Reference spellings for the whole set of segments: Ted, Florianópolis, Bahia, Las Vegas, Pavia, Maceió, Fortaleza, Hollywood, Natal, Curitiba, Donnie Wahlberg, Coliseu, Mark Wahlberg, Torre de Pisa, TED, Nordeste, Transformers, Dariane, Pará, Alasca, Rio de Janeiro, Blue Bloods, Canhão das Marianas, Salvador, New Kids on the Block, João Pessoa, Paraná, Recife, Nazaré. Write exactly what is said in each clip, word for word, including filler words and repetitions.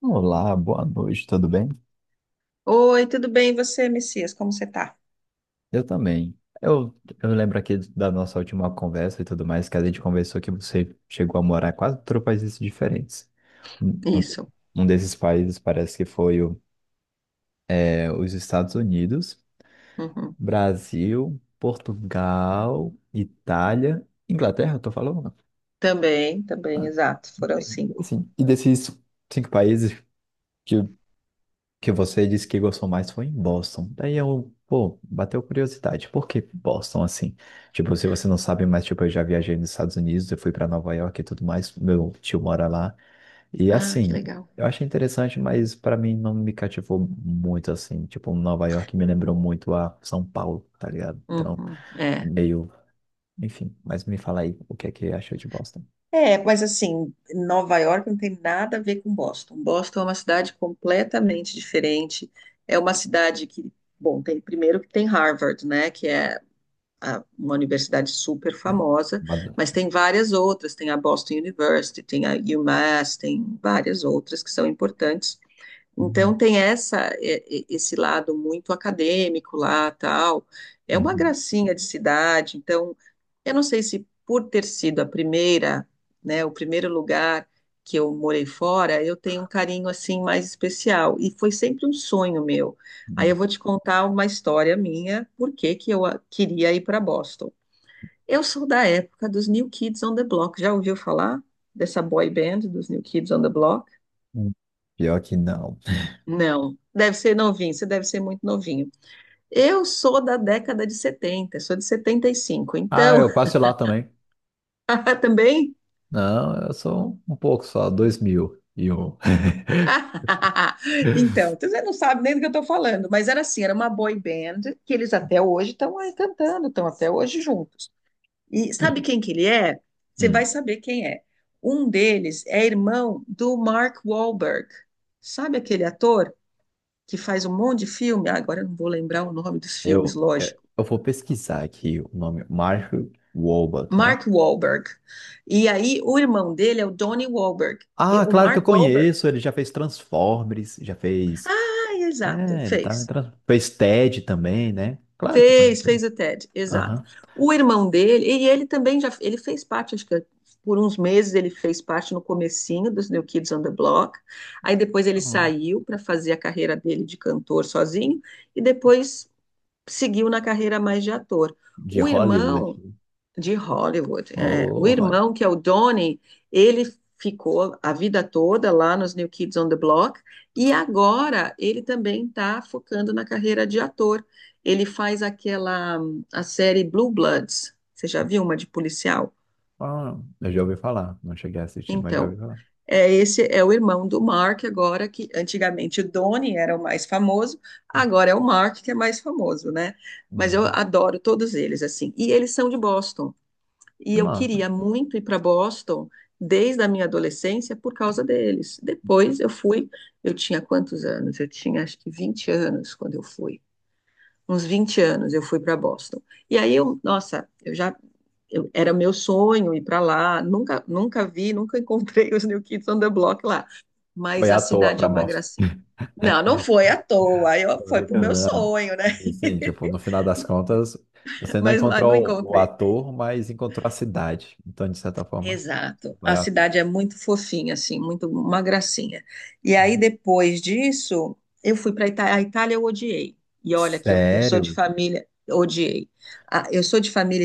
Olá, boa noite, tudo bem? Oi, tudo bem? E você, Messias? Como você tá? Eu também. Eu, eu lembro aqui da nossa última conversa e tudo mais, que a gente conversou que você chegou a morar em quase três países diferentes. Um, um- Isso. um desses países parece que foi o- é, os Estados Unidos, Uhum. Brasil, Portugal, Itália, Inglaterra, eu tô falando? Também, também, exato. Foram cinco. Assim, e desses cinco países, que você disse que gostou mais foi em Boston. Daí eu, pô, bateu curiosidade. Por que Boston assim? Tipo, se você não sabe, mas tipo, eu já viajei nos Estados Unidos, eu fui para Nova York e tudo mais. Meu tio mora lá. E Ah, que assim, legal. eu achei interessante, mas para mim não me cativou muito assim. Tipo, Nova York me lembrou muito a São Paulo, tá ligado? Então, Uhum. É. meio, enfim, mas me fala aí o que é que achou de Boston, É, mas assim, Nova York não tem nada a ver com Boston. Boston é uma cidade completamente diferente. É uma cidade que, bom, tem primeiro que tem Harvard, né, que é a- uma universidade super né? famosa, Bad- mas tem várias outras. Tem a Boston University, tem a UMass, tem várias outras que são importantes. Uhum, Então tem essa e- e- esse lado muito acadêmico lá, tal. É uma uhum, gracinha de cidade. Então, eu não sei se por ter sido a primeira, né, o primeiro lugar que eu morei fora, eu tenho um carinho assim mais especial e foi sempre um sonho meu. Aí eu uhum, vou te contar uma história minha, por que que eu a- queria ir para Boston. Eu sou da época dos New Kids on the Block. Já ouviu falar dessa boy band dos New Kids on the Block? uhum. Pior que não. Não, deve ser novinho, você deve ser muito novinho. Eu sou da década de setenta, sou de setenta e cinco. Ah, Então, eu passo lá também. Ah, também? Não, eu sou um, um pouco só, dois mil e um. Então, você não sabe nem do que eu estou falando, mas era assim, era uma boy band que eles até hoje estão aí cantando, estão até hoje juntos. E sabe quem que ele é? Você Hum. vai saber quem é. Um deles é irmão do Mark Wahlberg. Sabe aquele ator que faz um monte de filme? Ah, agora eu não vou lembrar o nome dos filmes, eu, eu lógico. eu vou pesquisar aqui o nome, Mark Wahlberg, né? Mark Wahlberg. E aí o irmão dele é o Donnie Wahlberg. E Ah, o claro que eu Mark Wahlberg, conheço, ele já fez Transformers, já fez. ah, exato, É, ele tá, em fez. Trans- fez TED também, né? Claro que eu Fez, conheço ele. fez o Ted, exato. Aham. O irmão dele, e ele também já, ele fez parte, acho que por uns meses ele fez parte no comecinho dos New Kids on the Block. Aí depois ele Então, saiu para fazer a carreira dele de cantor sozinho e depois seguiu na carreira mais de ator. de O Hollywood. irmão de Hollywood. É. O Oh, Hollywood. irmão, que é o Donnie, ele ficou a vida toda lá nos New Kids on the Block e agora ele também está focando na carreira de ator. Ele faz aquela a série Blue Bloods. Você já viu uma de policial? Ah, eu já ouvi falar, não cheguei a assistir, mas já ouvi Então, falar. é, esse é o irmão do Mark, agora que antigamente o Donnie era o mais famoso, Hum, agora é o Mark que é mais famoso, né? Mas eu Uhum. adoro todos eles assim. E eles são de Boston. E Que eu massa. queria muito ir para Boston desde a minha adolescência por causa deles. Depois eu fui, eu tinha quantos anos? Eu tinha acho que vinte anos quando eu fui. Uns vinte anos eu fui para Boston. E aí eu, nossa, eu já eu- era meu sonho ir para lá. Nunca, nunca vi, nunca encontrei os New Kids on the Block lá. Foi Mas a à toa cidade é pra uma Boston. gracinha. Não, não foi à toa. Eu foi pro Tô, meu né? sonho, né? E sim, tipo, no final das contas, você não Mas lá não encontrou o encontrei. ator, mas encontrou a cidade. Então, de certa forma, Exato. A valeu a pena. cidade é muito fofinha, assim, muito uma gracinha. E aí, depois disso, eu fui para a Itália. A Itália eu odiei. E olha que eu, eu sou de Sério? família, odiei. Ah, eu sou de família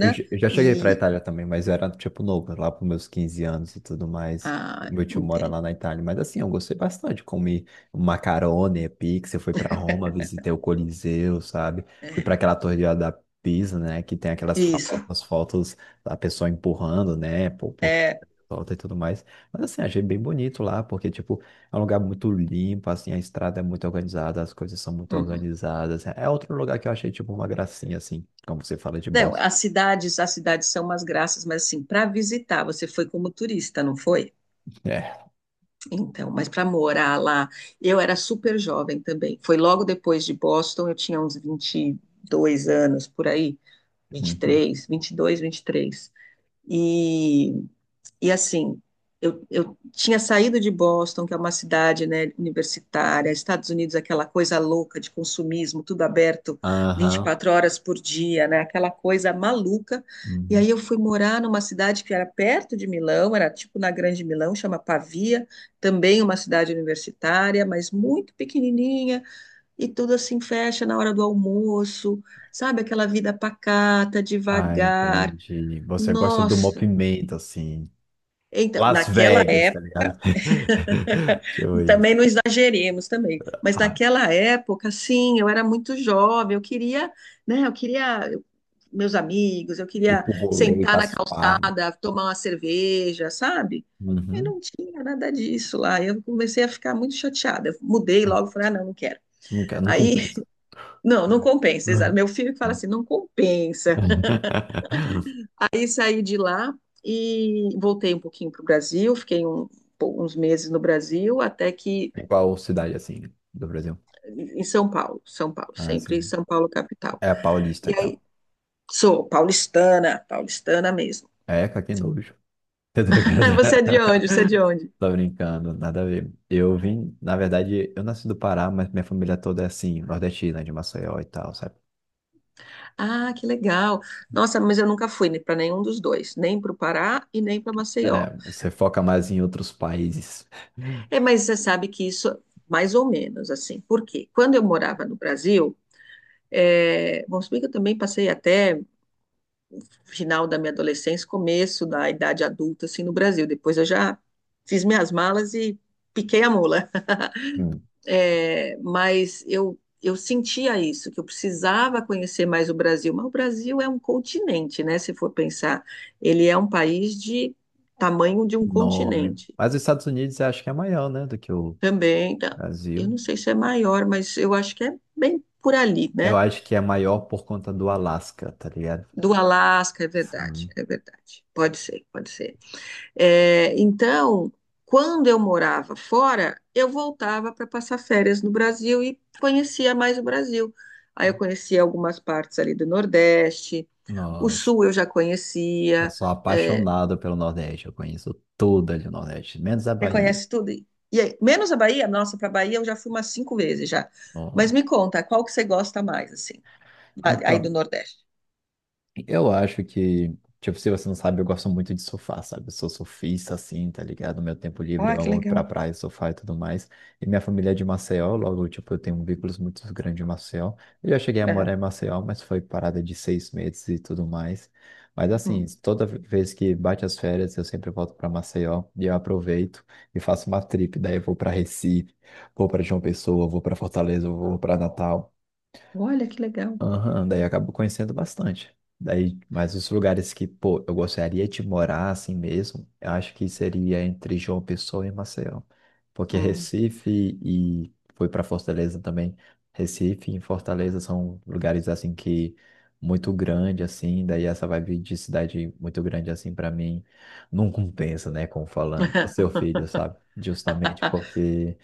Eu j- eu já cheguei pra e. Itália também, mas eu era, tipo, novo, lá pros meus quinze anos e tudo mais. Ah, Meu tio mora entendo. lá na Itália, mas assim, eu gostei bastante. Comi macarone, pizza, fui pra Roma, visitei o Coliseu, sabe? Fui pra É, aquela Torre de- da Pisa, né? Que tem aquelas isso. famosas fotos da pessoa empurrando, né? Por, porque É. solta e tudo mais. Mas assim, achei bem bonito lá, porque, tipo, é um lugar muito limpo, assim, a estrada é muito organizada, as coisas são muito Uhum. organizadas. É outro lugar que eu achei, tipo, uma gracinha, assim, como você fala de Não, bossa. as cidades, as cidades são umas graças, mas assim, para visitar, você foi como turista, não foi? Então, mas para morar lá, eu era super jovem também. Foi logo depois de Boston, eu tinha uns vinte e dois anos por aí, vinte vinte e e Uhum. três, vinte e dois, vinte e três. E e assim, eu, eu tinha saído de Boston, que é uma cidade, né, universitária, Estados Unidos, aquela coisa louca de consumismo, tudo aberto vinte e Aham. quatro horas por dia, né, aquela coisa maluca. E aí Uhum. eu fui morar numa cidade que era perto de Milão, era tipo na Grande Milão, chama Pavia, também uma cidade universitária, mas muito pequenininha, e tudo assim fecha na hora do almoço, sabe, aquela vida pacata, Ah, devagar. entendi. Você gosta do Nossa, movimento, assim. então, Las naquela. Vegas, tá ligado? Tipo Também isso. não exageremos também, mas Ah, naquela época, sim, eu era muito jovem, eu queria, né, eu queria eu- meus amigos, eu ir queria pro rolê, sentar pras na farras. calçada, tomar uma cerveja, sabe? E Uhum. não tinha nada disso lá. Eu comecei a ficar muito chateada. Eu mudei Ah, logo, falei, ah, não, não quero. nunca, não Aí, compensa. não, não compensa, exato. Uhum. Meu filho que fala assim, não compensa. Aí saí de lá e voltei um pouquinho para o Brasil, fiquei um- uns meses no Brasil, até que Em qual cidade, assim, do Brasil? em São Paulo, São Paulo, Ah, sempre assim, São Paulo capital. é a Paulista e E tal. aí, sou paulistana, paulistana mesmo. É, que nojo. Tá ligado? Você é de onde? Você é de onde? Tô brincando, nada a ver. Eu vim, na verdade, eu nasci do Pará, mas minha família toda é assim, nordestina, de Maceió e tal, sabe? Ah, que legal. Nossa, mas eu nunca fui para nenhum dos dois, nem para o Pará e nem para Maceió. É, você foca mais em outros países. É, mas você sabe que isso, mais ou menos, assim. Por quê? Quando eu morava no Brasil, é, bom, se bem que eu também passei até final da minha adolescência, começo da idade adulta, assim, no Brasil. Depois eu já fiz minhas malas e piquei a mula. Hum. É, mas eu, eu sentia isso, que eu precisava conhecer mais o Brasil. Mas o Brasil é um continente, né? Se for pensar, ele é um país de tamanho de um Enorme. continente. Mas os Estados Unidos eu acho que é maior, né, do que o Também, tá- eu Brasil. não sei se é maior, mas eu acho que é bem por ali, Eu né? acho que é maior por conta do Alasca, tá ligado? Do Alasca, é verdade, Sim. é verdade. Pode ser, pode ser. É, então, quando eu morava fora, eu voltava para passar férias no Brasil e conhecia mais o Brasil. Aí eu conhecia algumas partes ali do Nordeste, o Nossa, Sul eu já eu conhecia, sou é, apaixonado pelo Nordeste, eu conheço tudo ali no Nordeste, menos a você Bahia. conhece tudo. E aí, menos a Bahia, nossa, para a Bahia eu já fui umas cinco vezes já. Mas Ó. me conta, qual que você gosta mais, assim, lá- aí do Então, Nordeste? eu acho que, tipo, se você não sabe, eu gosto muito de surfar, sabe? Eu sou surfista, assim, tá ligado? Meu tempo livre, Ah, eu que amo ir pra legal. praia, surfar e tudo mais. E minha família é de Maceió, logo, tipo, eu tenho um vínculo muito grande em Maceió. Eu já cheguei a morar Aham. em Maceió, mas foi parada de seis meses e tudo mais. Mas, assim, Hum. toda vez que bate as férias, eu sempre volto pra Maceió e eu aproveito e faço uma trip. Daí eu vou pra Recife, vou pra João Pessoa, vou pra Fortaleza, vou pra Natal. Olha que legal. Aham, daí eu acabo conhecendo bastante. Daí, mas os lugares que, pô, eu gostaria de morar assim mesmo, eu acho que seria entre João Pessoa e Maceió. Porque Hum. Recife e fui para Fortaleza também. Recife e Fortaleza são lugares assim que muito grande assim, daí essa vibe de cidade muito grande assim para mim não compensa, né, como falando, o seu filho, sabe? Justamente porque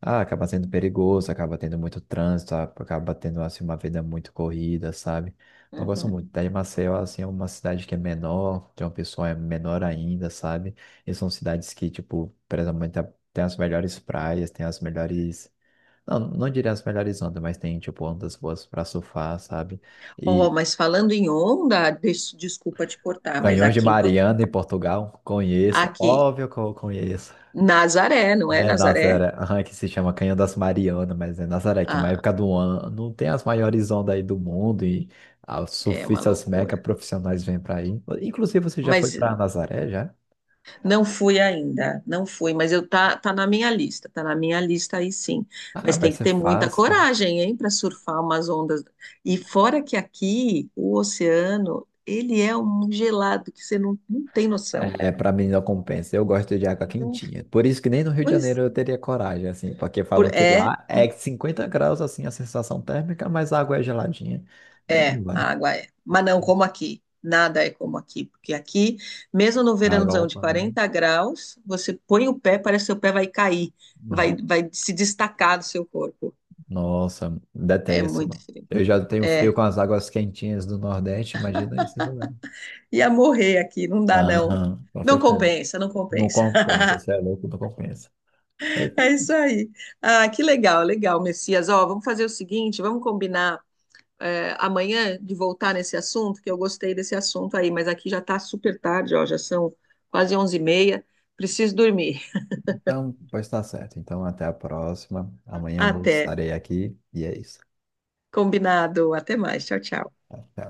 ah, acaba sendo perigoso, acaba tendo muito trânsito, a- acaba tendo assim uma vida muito corrida, sabe? Não gosto Uhum. muito. Daí Maceió assim é uma cidade que é menor, tem uma pessoa é menor ainda, sabe? E são cidades que tipo, presumente tem as melhores praias, tem as melhores, não, não diria as melhores ondas, mas tem tipo ondas boas para surfar, sabe? Ó, E mas falando em onda, des- desculpa te cortar, mas Canhões de aqui em Por- Mariana em Portugal, conheço, aqui óbvio que eu conheço. Nazaré, não é É Nazaré? Nazaré, aham, que se chama Canhão das Marianas, mas é Nazaré, que é uma Ah, época do ano, tem as maiores ondas aí do mundo e os é uma surfistas mega loucura. profissionais vêm pra aí. Inclusive, você já foi Mas pra Nazaré, já? não fui ainda, não fui, mas eu tá, tá na minha lista, tá na minha lista aí sim. Ah, Mas vai tem que ser ter muita fácil, né? coragem, hein, para surfar umas ondas. E fora que aqui o oceano, ele é um gelado que você não, não tem noção. É, pra mim não compensa, eu gosto de água Não, quentinha. Por isso que nem no Rio de pois Janeiro eu teria coragem, assim, porque falam por- que é. lá é cinquenta graus, assim, a sensação térmica, mas a água é geladinha. É, não É, vai. a água é. Mas não como aqui. Nada é como aqui. Porque aqui, mesmo no A verãozão de Europa, né? quarenta graus, você põe o pé, parece que seu pé vai cair, vai, vai se destacar do seu corpo. Nossa, É detesto, muito mano. frio. Eu já tenho frio É. com as águas quentinhas do Nordeste, imagina esse lugar. Ia morrer aqui, não dá não. Aham, com Não certeza. compensa, não Não compensa. compensa, você é louco, não compensa. Daí foi É isso isso. aí. Ah, que legal, legal, Messias. Ó, vamos fazer o seguinte, vamos combinar é, amanhã de voltar nesse assunto, que eu gostei desse assunto aí, mas aqui já está super tarde, ó, já são quase onze e meia, preciso dormir. Então, pois tá certo. Então, até a próxima. Amanhã eu Até, estarei aqui e é isso. combinado, até mais, tchau, tchau. Até.